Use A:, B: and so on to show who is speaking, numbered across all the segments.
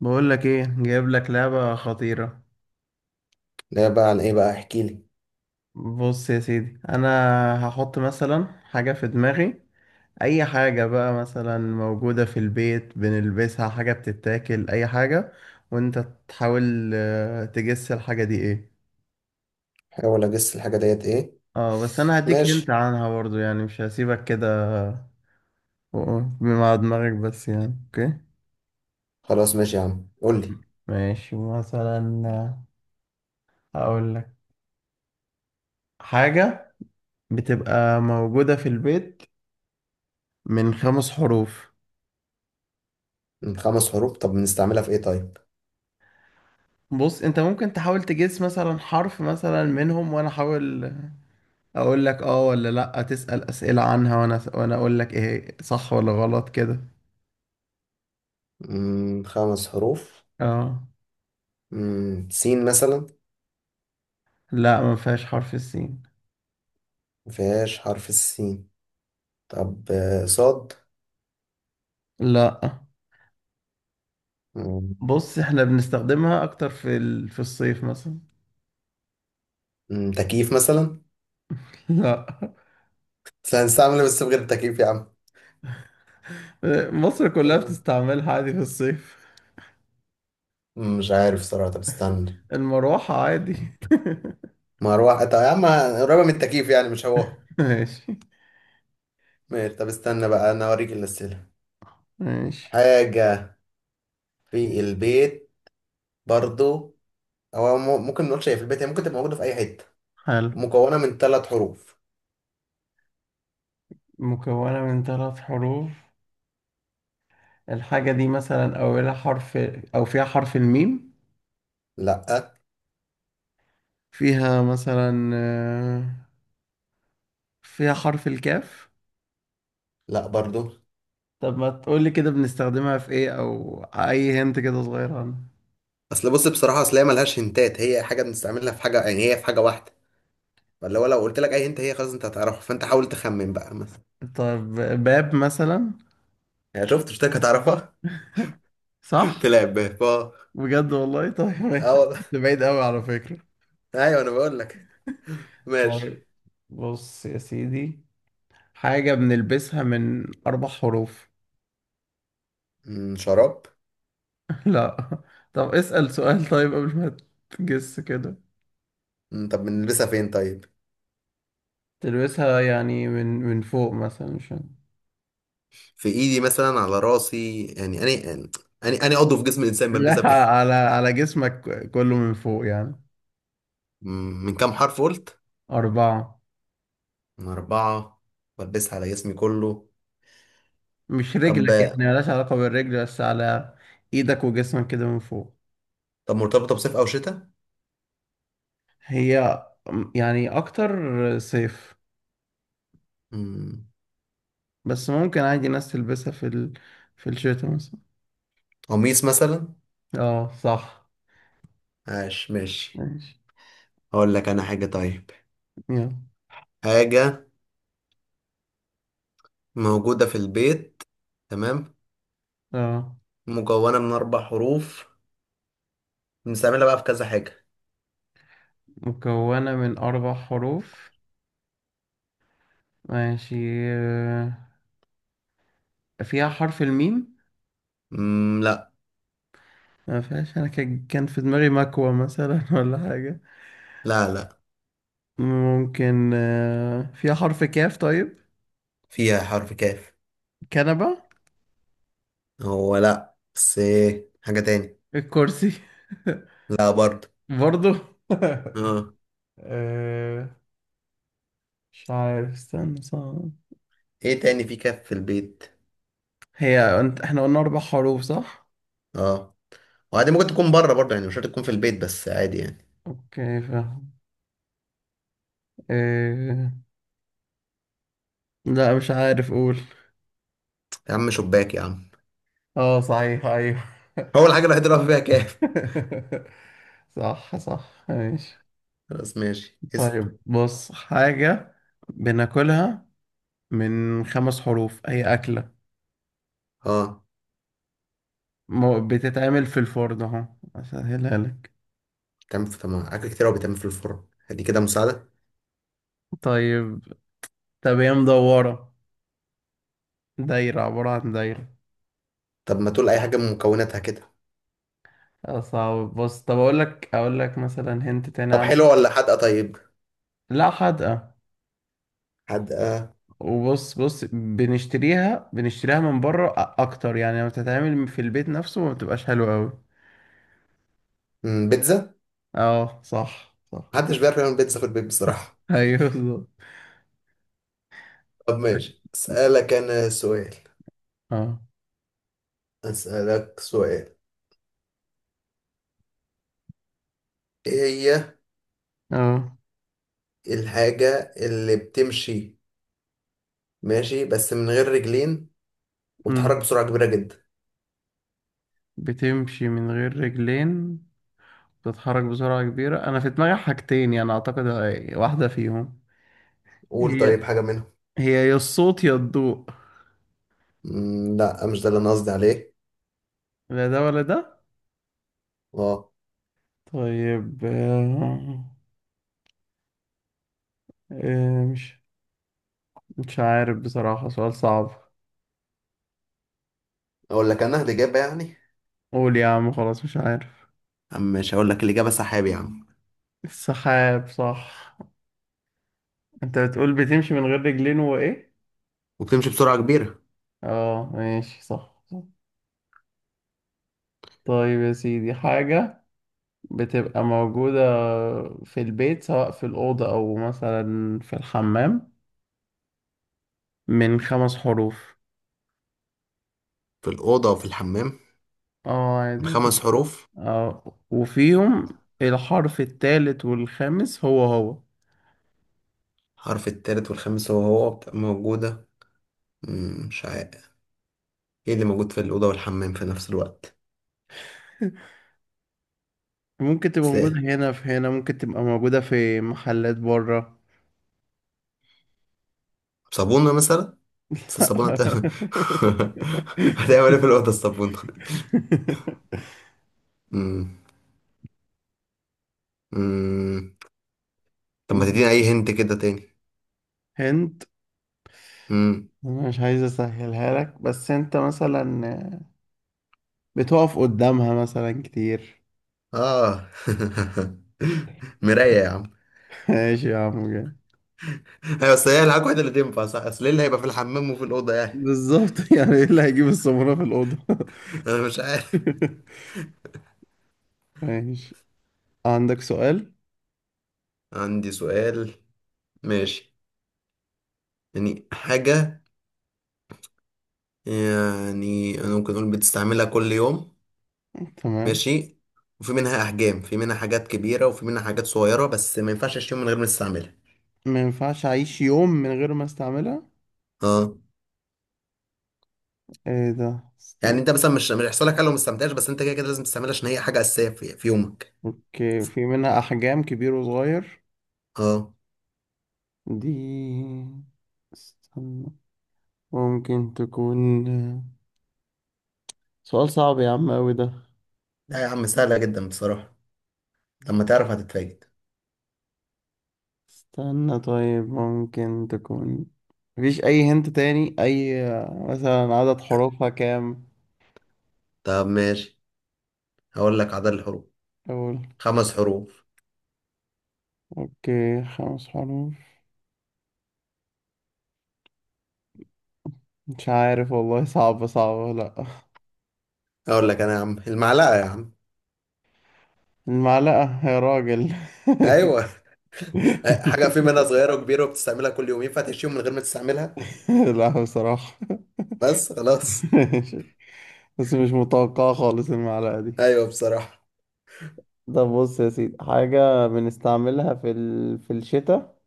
A: بقول لك ايه، جايب لك لعبة خطيرة.
B: ده بقى عن ايه بقى احكي لي.
A: بص يا سيدي، انا هحط مثلا حاجة في دماغي، اي حاجة بقى، مثلا موجودة في البيت بنلبسها، حاجة بتتاكل، اي حاجة. وانت تحاول تجس الحاجة دي ايه.
B: حاول اجس الحاجه ديت ايه.
A: اه بس انا هديك هنت
B: ماشي.
A: عنها برضو، يعني مش هسيبك كده. مع دماغك بس، يعني اوكي؟
B: خلاص ماشي يا عم قول لي.
A: ماشي، مثلا هقول لك حاجة بتبقى موجودة في البيت، من خمس حروف.
B: من خمس حروف طب بنستعملها في ايه طيب؟
A: بص، انت ممكن تحاول تجس مثلا حرف مثلا منهم، وانا احاول اقول لك اه ولا لا. تسأل اسئلة عنها وانا اقول لك ايه صح ولا غلط كده.
B: خمس حروف.
A: اه.
B: سين مثلا.
A: لا، ما فيهاش حرف السين.
B: مفيهاش حرف السين. طب صاد.
A: لا.
B: مم.
A: بص، احنا بنستخدمها اكتر في الصيف مثلا.
B: تكييف مثلا.
A: لا.
B: بس هنستعمل إيه بس من غير التكييف يا عم؟
A: مصر كلها
B: آه.
A: بتستعملها عادي في الصيف.
B: مش عارف صراحه طب استنى.
A: المروحة عادي.
B: مروحه طب يا عم، قريبه من التكييف يعني مش هو.
A: ماشي.
B: ماشي طب استنى بقى انا اوريك الاسئله.
A: ماشي،
B: حاجه في البيت برضو. هو ممكن نقول شايف البيت، هي ممكن تبقى موجودة في أي حتة.
A: حلو،
B: مكونة من ثلاث حروف.
A: مكونة من ثلاث حروف. الحاجة دي مثلا أولها حرف، أو فيها حرف الميم.
B: لأ.
A: فيها مثلا فيها حرف الكاف.
B: لأ برضو.
A: طب ما تقولي كده، بنستخدمها في إيه، أو أي هنت كده صغير عنها.
B: أصل بص بصراحة أصل هي ملهاش هنتات، هي حاجة بنستعملها في حاجة، يعني هي في حاجة واحدة. فاللي هو لو قلت لك أي هنت هي خلاص أنت هتعرفها، فأنت حاول تخمن بقى مثلا.
A: طب، باب مثلا.
B: يعني شفت، قلت لك هتعرفها.
A: صح.
B: تلعب بيها.
A: بجد والله؟ طيب
B: اه
A: ماشي،
B: والله.
A: ده بعيد أوي على فكرة.
B: أيوه أنا بقول لك. ماشي.
A: طيب، بص يا سيدي، حاجة بنلبسها من أربع حروف.
B: شراب.
A: لا. طب اسأل سؤال طيب قبل ما تجس كده.
B: طب بنلبسها فين طيب؟
A: تلبسها يعني من فوق مثلا، مش عارف.
B: في إيدي مثلا على راسي، يعني أني أني عضو في جسم الإنسان
A: لا،
B: بلبسها فين؟
A: على جسمك كله، من فوق يعني.
B: من كام حرف قلت؟
A: أربعة.
B: من أربعة. بلبسها على جسمي كله.
A: مش
B: طب.
A: رجلك، يعني ملهاش علاقة بالرجل، بس على إيدك وجسمك كده من فوق.
B: طب مرتبطة بصيف أو شتاء؟
A: هي يعني أكتر صيف،
B: مم،
A: بس ممكن عادي ناس تلبسها في الشتاء مثلا.
B: قميص مثلا؟
A: اه صح.
B: عاش ماشي.
A: ماشي.
B: هقول لك أنا حاجة طيب.
A: يلا.
B: حاجة موجودة في البيت. تمام.
A: اه.
B: مكونة من أربع حروف. بنستعملها بقى في كذا حاجة.
A: مكونة من أربع حروف، ماشي. آه، فيها حرف الميم.
B: لا.
A: ما فيهاش. أنا كان في دماغي مكوى مثلا ولا حاجة.
B: لا لا.
A: ممكن فيها حرف كاف طيب.
B: فيها حرف كاف.
A: كنبة.
B: هو لا، بس إيه حاجة تاني.
A: الكرسي.
B: لا برضه.
A: برضو.
B: اه.
A: آه، مش عارف، استنى، صعب.
B: ايه تاني في كاف في البيت.
A: هي انت، احنا قلنا اربع حروف صح؟
B: اه، وعادي ممكن تكون بره برضه، يعني مش شرط تكون في البيت بس عادي يعني.
A: اوكي فاهم. آه، لا مش عارف، قول.
B: يا عم شباك يا عم!
A: اه صحيح، ايوه.
B: هو الحاجة الوحيدة اللي واقف بيها كاف.
A: صح صح، ماشي.
B: خلاص ماشي اسأل.
A: طيب بص، حاجة بناكلها من خمس حروف، هي أكلة.
B: اه.
A: بتتعمل في الفرن اهو، اسهلها لك.
B: بتعمل في طب ما حاجات كتير أوي بتعمل في الفرن، هدي كده مساعدة.
A: طيب. طب هي مدورة، دايرة، عبارة عن دايرة.
B: طب ما تقول أي حاجة من مكوناتها كده.
A: صعب. بص طب أقول لك مثلا هنت تاني
B: طب
A: عنها.
B: حلوة ولا حادقة طيب؟
A: لا حدقة.
B: حادقة.
A: وبص بص، بنشتريها من بره أكتر، يعني لما بتتعمل في البيت نفسه ما بتبقاش حلوة أوي.
B: بيتزا.
A: اه صح صح.
B: محدش بيعرف يعمل بيتزا في البيت بصراحة.
A: أيوه بالظبط.
B: طب ماشي أسألك أنا سؤال.
A: اه.
B: أسألك سؤال. إيه هي
A: اه.
B: الحاجة اللي بتمشي، ماشي بس من غير رجلين وبتتحرك
A: أمم.
B: بسرعة كبيرة جدا؟
A: بتمشي من غير رجلين، بتتحرك بسرعة كبيرة، أنا في دماغي حاجتين يعني أعتقد، واحدة فيهم.
B: قول طيب
A: هي
B: حاجة منهم.
A: هي يا الصوت يا الضوء.
B: لا مش ده اللي أنا قصدي عليه.
A: لا ده ولا ده.
B: اه.
A: طيب آه، مش مش عارف بصراحة، سؤال صعب.
B: أقول لك أنا الإجابة يعني.
A: قول يا عم، خلاص مش عارف.
B: عم مش هقول لك الإجابة، سحاب يا عم.
A: السحاب صح. انت بتقول بتمشي من غير رجلين وايه؟
B: وبتمشي بسرعة كبيرة.
A: اه ماشي صح. طيب يا سيدي، حاجة بتبقى موجودة في البيت، سواء في الأوضة أو مثلا في الحمام، من خمس حروف.
B: في الأوضة وفي الحمام.
A: اه
B: من
A: عادي،
B: خمس
A: ممكن.
B: حروف.
A: اه، وفيهم الحرف التالت والخامس هو هو.
B: حرف التالت والخامس هو هو. بتبقى موجودة. مش عارف. ايه اللي موجود في الأوضة والحمام في نفس الوقت؟
A: ممكن تبقى
B: بس
A: موجودة
B: ايه.
A: هنا، في هنا، ممكن تبقى موجودة في محلات بره.
B: صابونة مثلا. بس الصابونة هتعمل ايه في الأوضة الصابونة؟ مم. مم. طب ما تديني أي هنت كده تاني.
A: هنت.
B: مم.
A: أنا مش عايز اسهلها لك، بس انت مثلا بتقف قدامها مثلا كتير.
B: اه. مراية يا عم!
A: ماشي يا عم، جاي.
B: ايوه بس هي الحاجة الوحيدة اللي تنفع صح، اصل ايه اللي هيبقى في الحمام وفي الأوضة يعني.
A: بالظبط. يعني ايه اللي هيجيب السمرة في الأوضة؟
B: انا مش عارف.
A: ماشي. عندك سؤال.
B: عندي سؤال. ماشي. يعني حاجة. يعني أنا ممكن أقول بتستعملها كل يوم.
A: تمام.
B: ماشي. وفي منها أحجام، في منها حاجات كبيرة وفي منها حاجات صغيرة، بس ما ينفعش أشيل يوم من غير ما تستعملها.
A: ما ينفعش أعيش يوم من غير ما استعملها؟
B: اه.
A: ايه ده،
B: يعني
A: استنى.
B: أنت مثلا مش هيحصل لك حاجة لو ما استعملتهاش، بس أنت كده كده لازم تستعملها عشان هي حاجة أساسية في يومك.
A: اوكي، في منها احجام كبير وصغير.
B: اه.
A: دي، استنى، ممكن تكون، سؤال صعب يا عم اوي ده.
B: لا يا عم سهلة جدا بصراحة، لما تعرف هتتفاجئ.
A: استنى طيب، ممكن تكون، مفيش اي هنت تاني؟ اي مثلا عدد حروفها كام؟
B: طب ماشي، هقول لك عدد الحروف.
A: اقول.
B: خمس حروف.
A: اوكي خمس حروف. مش عارف والله، صعبة صعبة، لا.
B: هقول لك أنا يا عم، المعلقة يا عم.
A: المعلقة يا راجل!
B: أيوه. حاجه في منها صغيره وكبيره وبتستعملها كل يوم، ينفع تعيش يوم من غير ما تستعملها؟
A: لا بصراحة.
B: بس خلاص.
A: بس مش متوقعة خالص المعلقة دي.
B: ايوه بصراحه.
A: طب بص يا سيدي، حاجة بنستعملها في الشتاء،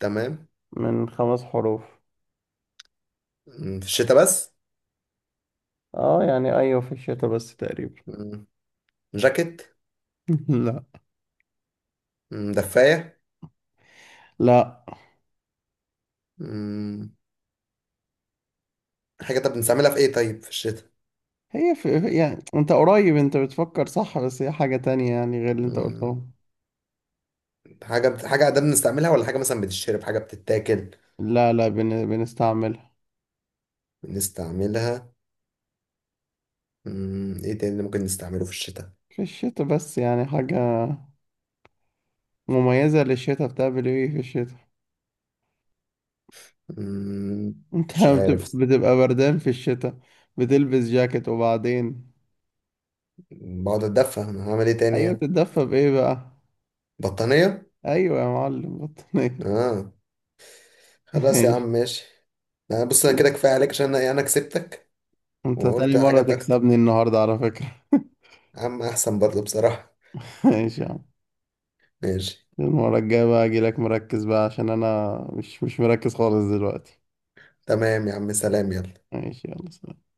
B: تمام.
A: من خمس حروف.
B: في الشتاء بس.
A: اه يعني ايوه، في الشتاء بس تقريبا.
B: مم، جاكيت.
A: لا.
B: دفايه.
A: لا.
B: مم. حاجه طب بنستعملها في ايه طيب في الشتاء؟
A: يعني انت قريب، انت بتفكر صح، بس هي حاجة تانية يعني غير اللي انت
B: مم.
A: قلته.
B: حاجه ده بنستعملها ولا حاجه مثلا بتتشرب حاجه بتتاكل؟
A: لا لا، بنستعملها.
B: بنستعملها. ايه تاني اللي ممكن نستعمله في الشتاء؟
A: في الشتاء بس، يعني حاجة مميزة للشتاء، بتعمل ايه في الشتاء؟
B: مم،
A: انت
B: مش
A: لما بتبقى
B: عارف.
A: بتبقى بردان في الشتاء بتلبس جاكيت، وبعدين؟
B: بقعد اتدفى، انا هعمل ايه تاني
A: ايوه
B: يعني؟
A: بتتدفى بايه بقى؟
B: بطانيه.
A: ايوه يا معلم، بطانية.
B: اه. خلاص يا عم
A: ماشي.
B: ماشي. أنا بص، أنا كده كفاية عليك، عشان أنا أنا كسبتك.
A: انت تاني
B: وقلت
A: مرة
B: حاجات أكتر.
A: تكسبني النهاردة على فكرة.
B: يا عم أحسن برضه بصراحة.
A: ماشي يا عم.
B: ماشي.
A: المرة الجاية بقى اجيلك مركز بقى، عشان انا مش مركز خالص دلوقتي.
B: تمام يا عم، سلام يلا.
A: ماشي يلا سلام.